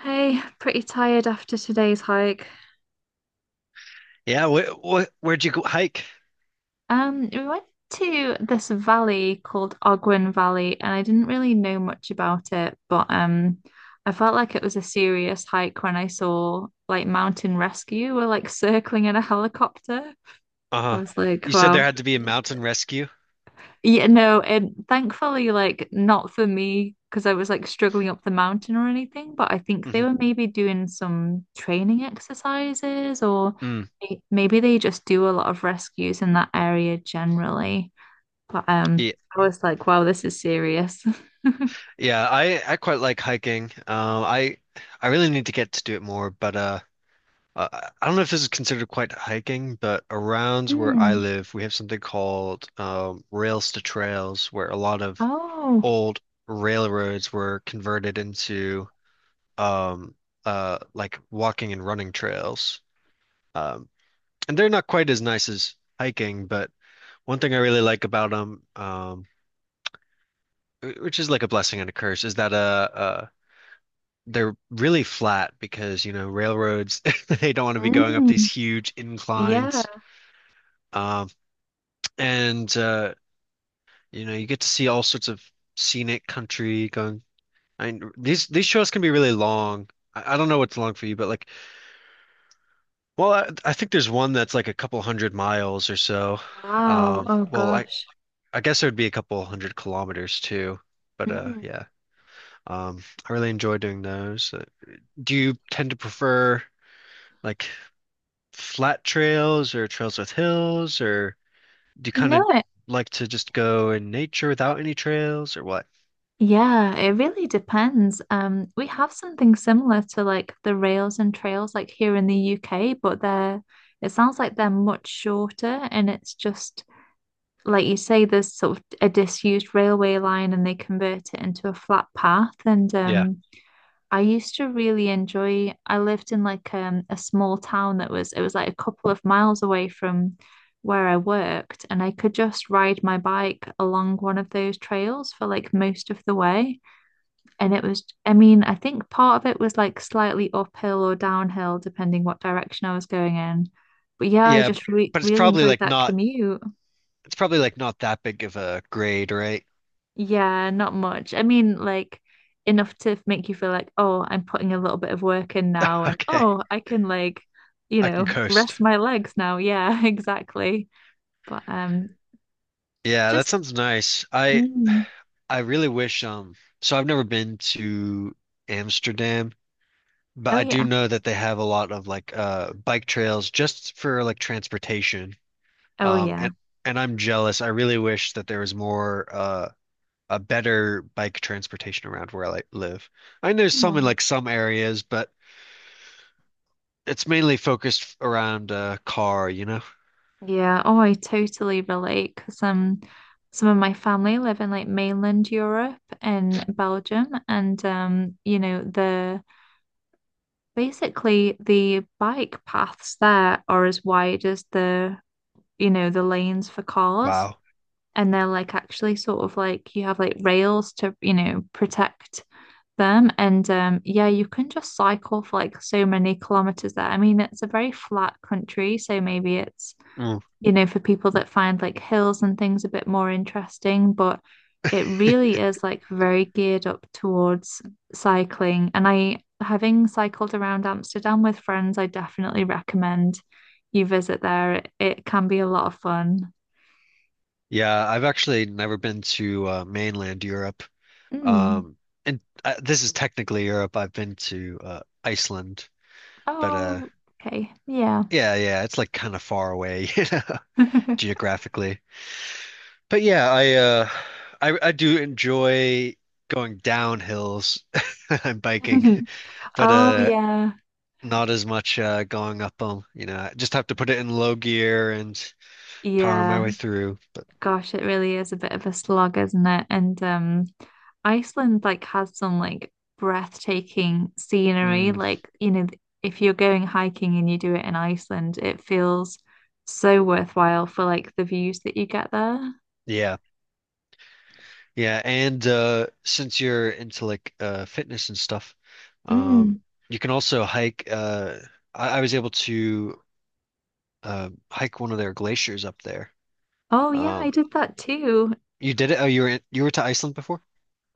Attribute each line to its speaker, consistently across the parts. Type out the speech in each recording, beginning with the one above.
Speaker 1: Hey, pretty tired after today's hike.
Speaker 2: Yeah, what where'd you go hike?
Speaker 1: We went to this valley called Ogwen Valley, and I didn't really know much about it, but I felt like it was a serious hike when I saw like Mountain Rescue were like circling in a helicopter. I
Speaker 2: Uh-huh.
Speaker 1: was like,
Speaker 2: You said
Speaker 1: wow.
Speaker 2: there had to be a mountain rescue.
Speaker 1: Yeah, no, and thankfully, like, not for me because I was like struggling up the mountain or anything, but I think they
Speaker 2: hmm
Speaker 1: were maybe doing some training exercises or
Speaker 2: Mm.
Speaker 1: maybe they just do a lot of rescues in that area generally. But
Speaker 2: Yeah,
Speaker 1: I was like, wow, this is serious.
Speaker 2: yeah, I quite like hiking. I really need to get to do it more, but uh, I don't know if this is considered quite hiking, but around where I
Speaker 1: Mm.
Speaker 2: live, we have something called rails to trails, where a lot of
Speaker 1: Oh,
Speaker 2: old railroads were converted into um like walking and running trails. Um, and they're not quite as nice as hiking, but one thing I really like about them, which is like a blessing and a curse, is that they're really flat because you know railroads they don't want to be going up these
Speaker 1: mm.
Speaker 2: huge
Speaker 1: Yeah.
Speaker 2: inclines, um, and you know you get to see all sorts of scenic country going. I mean, these shows can be really long. I don't know what's long for you, but like, well, I think there's one that's like a couple hundred miles or so.
Speaker 1: Wow.
Speaker 2: Um,
Speaker 1: Oh
Speaker 2: well, I
Speaker 1: gosh.
Speaker 2: I guess it would be a couple hundred kilometers too, but
Speaker 1: Mm.
Speaker 2: yeah. I really enjoy doing those. Do you tend to prefer like flat trails or trails with hills, or do you
Speaker 1: You
Speaker 2: kind
Speaker 1: know
Speaker 2: of
Speaker 1: it.
Speaker 2: like to just go in nature without any trails or what?
Speaker 1: Yeah, it really depends. We have something similar to like the rails and trails like here in the UK, but they're it sounds like they're much shorter and it's just like you say, there's sort of a disused railway line and they convert it into a flat path. And
Speaker 2: Yeah.
Speaker 1: I used to really enjoy. I lived in like a small town that was it was like a couple of miles away from where I worked and I could just ride my bike along one of those trails for like most of the way. And it was, I mean, I think part of it was like slightly uphill or downhill, depending what direction I was going in. But yeah, I
Speaker 2: Yeah,
Speaker 1: just re
Speaker 2: but it's
Speaker 1: really
Speaker 2: probably
Speaker 1: enjoyed
Speaker 2: like
Speaker 1: that
Speaker 2: not,
Speaker 1: commute.
Speaker 2: it's probably like not that big of a grade, right?
Speaker 1: Yeah, not much. I mean, like enough to make you feel like, oh, I'm putting a little bit of work in now, and
Speaker 2: Okay.
Speaker 1: oh, I can like, you
Speaker 2: I can
Speaker 1: know,
Speaker 2: coast.
Speaker 1: rest my legs now. Yeah, exactly. But
Speaker 2: Yeah, that
Speaker 1: just,
Speaker 2: sounds nice.
Speaker 1: mm,
Speaker 2: I really wish so I've never been to Amsterdam. But
Speaker 1: oh
Speaker 2: I do
Speaker 1: yeah,
Speaker 2: know that they have a lot of like bike trails just for like transportation.
Speaker 1: oh
Speaker 2: Um
Speaker 1: yeah.
Speaker 2: and and I'm jealous. I really wish that there was more a better bike transportation around where I like, live. I know there's some in
Speaker 1: Aw.
Speaker 2: like some areas, but it's mainly focused around car, you know?
Speaker 1: Yeah, oh, I totally relate because some of my family live in like mainland Europe in Belgium, and you know, the basically the bike paths there are as wide as the you know the lanes for cars,
Speaker 2: Wow.
Speaker 1: and they're like actually sort of like you have like rails to you know protect them, and yeah, you can just cycle for like so many kilometers there. I mean, it's a very flat country, so maybe it's
Speaker 2: Mm.
Speaker 1: you know, for people that find like hills and things a bit more interesting, but it really is like very geared up towards cycling. And I, having cycled around Amsterdam with friends, I definitely recommend you visit there. It can be a lot of fun.
Speaker 2: Yeah, I've actually never been to mainland Europe.
Speaker 1: Mm.
Speaker 2: Um and this is technically Europe. I've been to Iceland, but
Speaker 1: Oh, okay. Yeah.
Speaker 2: yeah, yeah, it's like kind of far away, you know? Geographically. But yeah, I do enjoy going down hills and biking, but
Speaker 1: Oh,
Speaker 2: uh
Speaker 1: yeah.
Speaker 2: not as much going up them, you know. I just have to put it in low gear and power my
Speaker 1: Yeah.
Speaker 2: way through. But
Speaker 1: Gosh, it really is a bit of a slog, isn't it? And Iceland like has some like breathtaking scenery.
Speaker 2: mm,
Speaker 1: Like, you know, if you're going hiking and you do it in Iceland, it feels so worthwhile for like the views that you get there.
Speaker 2: yeah. Yeah, and since you're into like fitness and stuff, um
Speaker 1: Mm.
Speaker 2: you can also hike uh, I was able to hike one of their glaciers up there.
Speaker 1: Oh yeah, I
Speaker 2: Um
Speaker 1: did that too.
Speaker 2: you did it? Oh, you were in, you were to Iceland before?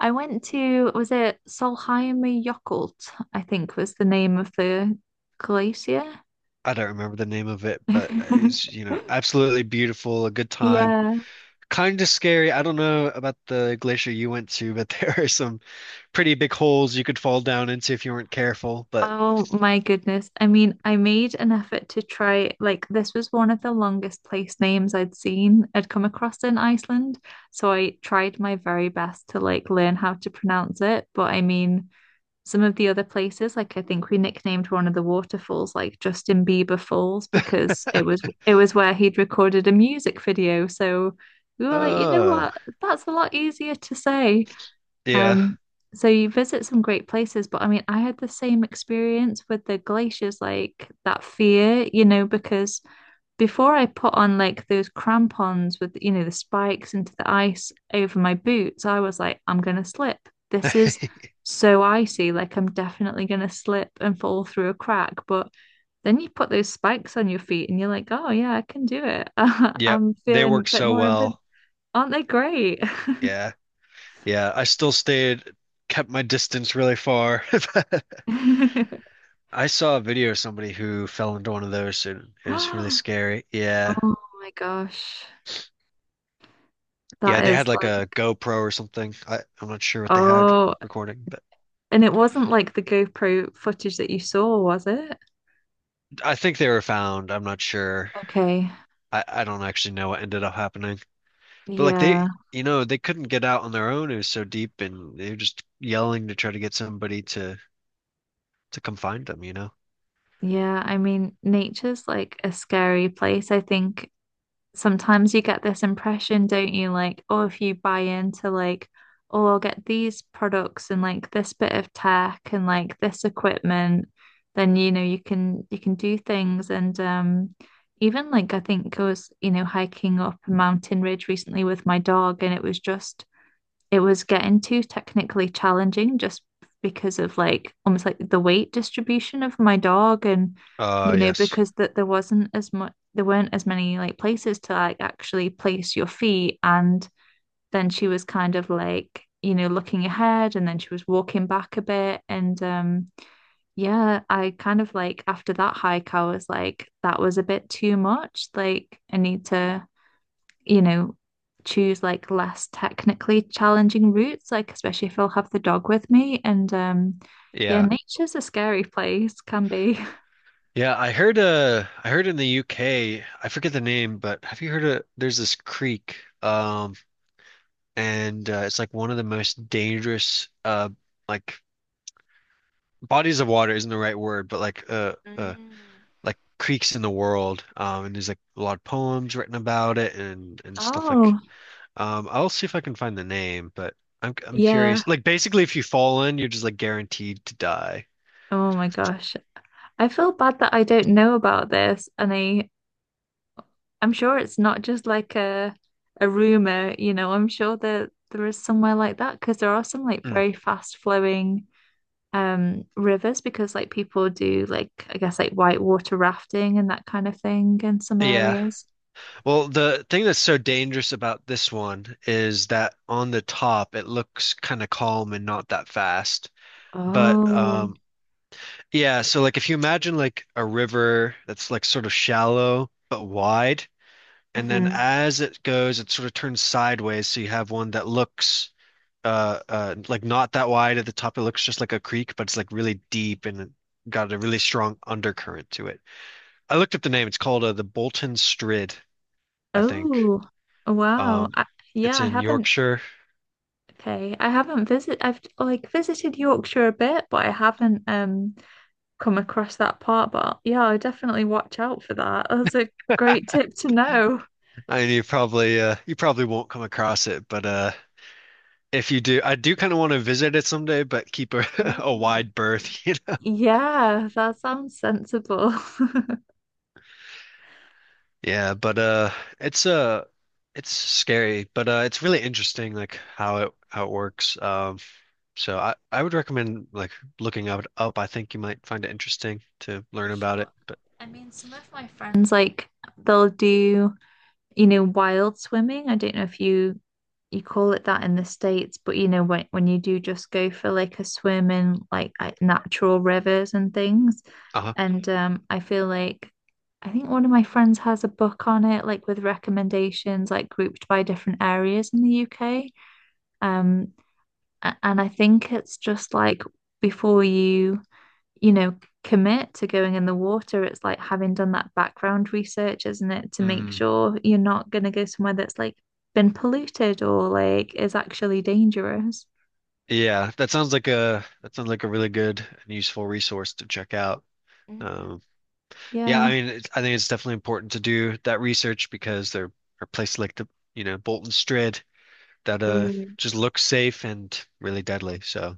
Speaker 1: I went to, was it Sólheimajökull, I think was the name of the glacier.
Speaker 2: I don't remember the name of it, but it's, you know, absolutely beautiful, a good time.
Speaker 1: Yeah.
Speaker 2: Kind of scary. I don't know about the glacier you went to, but there are some pretty big holes you could fall down into if you weren't careful. But
Speaker 1: Oh my goodness. I mean, I made an effort to try, like, this was one of the longest place names I'd seen, I'd come across in Iceland. So I tried my very best to, like, learn how to pronounce it. But I mean, some of the other places, like, I think we nicknamed one of the waterfalls, like, Justin Bieber Falls, because it was where he'd recorded a music video. So we were like, you know
Speaker 2: uh
Speaker 1: what? That's a lot easier to say.
Speaker 2: yeah.
Speaker 1: Um, so you visit some great places, but I mean, I had the same experience with the glaciers, like that fear, you know, because before I put on like those crampons with, you know, the spikes into the ice over my boots, I was like, I'm gonna slip. This is so icy, like I'm definitely gonna slip and fall through a crack. But then you put those spikes on your feet and you're like, oh yeah, I can do it.
Speaker 2: Yep.
Speaker 1: I'm
Speaker 2: They
Speaker 1: feeling a
Speaker 2: work
Speaker 1: bit
Speaker 2: so
Speaker 1: more,
Speaker 2: well.
Speaker 1: aren't they great?
Speaker 2: Yeah. Yeah. I still stayed, kept my distance really far. I saw a video of somebody who fell into one of those and it was really scary. Yeah.
Speaker 1: Oh my gosh.
Speaker 2: Yeah,
Speaker 1: That
Speaker 2: they
Speaker 1: is
Speaker 2: had like
Speaker 1: like,
Speaker 2: a GoPro or something. I'm not sure what they had
Speaker 1: oh,
Speaker 2: recording.
Speaker 1: and it wasn't like the GoPro footage that you saw, was it?
Speaker 2: I think they were found. I'm not sure.
Speaker 1: Okay.
Speaker 2: I don't actually know what ended up happening. But like
Speaker 1: Yeah.
Speaker 2: they, you know, they couldn't get out on their own. It was so deep, and they were just yelling to try to get somebody to come find them, you know?
Speaker 1: Yeah. I mean, nature's like a scary place. I think sometimes you get this impression, don't you? Like, oh, if you buy into like, oh, I'll get these products and like this bit of tech and like this equipment, then you know you can do things. And even like I think I was you know hiking up a mountain ridge recently with my dog, and it was just it was getting too technically challenging just because of like almost like the weight distribution of my dog and you know
Speaker 2: Yes.
Speaker 1: because that there wasn't as much there weren't as many like places to like actually place your feet and then she was kind of like you know looking ahead and then she was walking back a bit and yeah, I kind of like after that hike I was like that was a bit too much, like I need to you know, choose like less technically challenging routes, like especially if I'll have the dog with me. And yeah,
Speaker 2: Yeah.
Speaker 1: nature's a scary place, can be.
Speaker 2: Yeah, I heard in the UK, I forget the name, but have you heard of, there's this creek um and it's like one of the most dangerous like bodies of water isn't the right word, but like like creeks in the world. And there's like a lot of poems written about it and stuff like.
Speaker 1: Oh,
Speaker 2: I'll see if I can find the name, but I'm
Speaker 1: yeah.
Speaker 2: curious. Like basically, if you fall in, you're just like guaranteed to die.
Speaker 1: Oh my gosh. I feel bad that I don't know about this and I'm sure it's not just like a rumor, you know, I'm sure that there is somewhere like that because there are some like
Speaker 2: Mm.
Speaker 1: very fast flowing rivers because like people do like I guess like whitewater rafting and that kind of thing in some
Speaker 2: Yeah.
Speaker 1: areas.
Speaker 2: Well, the thing that's so dangerous about this one is that on the top it looks kind of calm and not that fast. But
Speaker 1: Oh.
Speaker 2: um yeah, so like if you imagine like a river that's like sort of shallow but wide, and then
Speaker 1: Hmm.
Speaker 2: as it goes, it sort of turns sideways. So you have one that looks like not that wide at the top. It looks just like a creek, but it's like really deep and got a really strong undercurrent to it. I looked up the name. It's called the Bolton Strid, I think.
Speaker 1: Oh. Wow.
Speaker 2: Um,
Speaker 1: I, yeah,
Speaker 2: it's
Speaker 1: I
Speaker 2: in
Speaker 1: haven't.
Speaker 2: Yorkshire.
Speaker 1: Okay. I haven't visit I've like visited Yorkshire a bit, but I haven't come across that part. But yeah, I definitely watch out for that. That's a great tip to know.
Speaker 2: I You probably you probably won't come across it, but if you do, I do kind of want to visit it someday, but keep a, a
Speaker 1: Mm.
Speaker 2: wide berth, you.
Speaker 1: Yeah, that sounds sensible.
Speaker 2: Yeah, but it's uh it's scary, but it's really interesting like how it works. So I would recommend like looking up. I think you might find it interesting to learn
Speaker 1: For
Speaker 2: about it.
Speaker 1: sure.
Speaker 2: But
Speaker 1: I mean, some of my friends like they'll do, you know, wild swimming. I don't know if you call it that in the States, but you know, when you do just go for like a swim in like natural rivers and things.
Speaker 2: uh-huh.
Speaker 1: And I feel like I think one of my friends has a book on it, like with recommendations, like grouped by different areas in the UK. Um, and I think it's just like before you you know, commit to going in the water, it's like having done that background research, isn't it? To make
Speaker 2: Mm.
Speaker 1: sure you're not going to go somewhere that's like been polluted or like is actually dangerous.
Speaker 2: Yeah, that sounds like a, that sounds like a really good and useful resource to check out.
Speaker 1: Mm.
Speaker 2: Um yeah, I
Speaker 1: Yeah.
Speaker 2: mean it's, I think it's definitely important to do that research because there are places like the, you know, Bolton Strid that
Speaker 1: Mm.
Speaker 2: just look safe and really deadly. So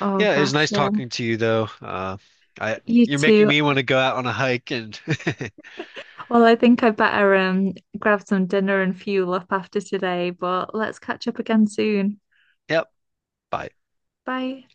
Speaker 1: Oh
Speaker 2: yeah, it was
Speaker 1: gosh,
Speaker 2: nice
Speaker 1: yeah.
Speaker 2: talking to you though. I
Speaker 1: You
Speaker 2: You're making
Speaker 1: too.
Speaker 2: me want to go out on a hike and
Speaker 1: Well, I think I better grab some dinner and fuel up after today, but let's catch up again soon.
Speaker 2: yep. Bye.
Speaker 1: Bye.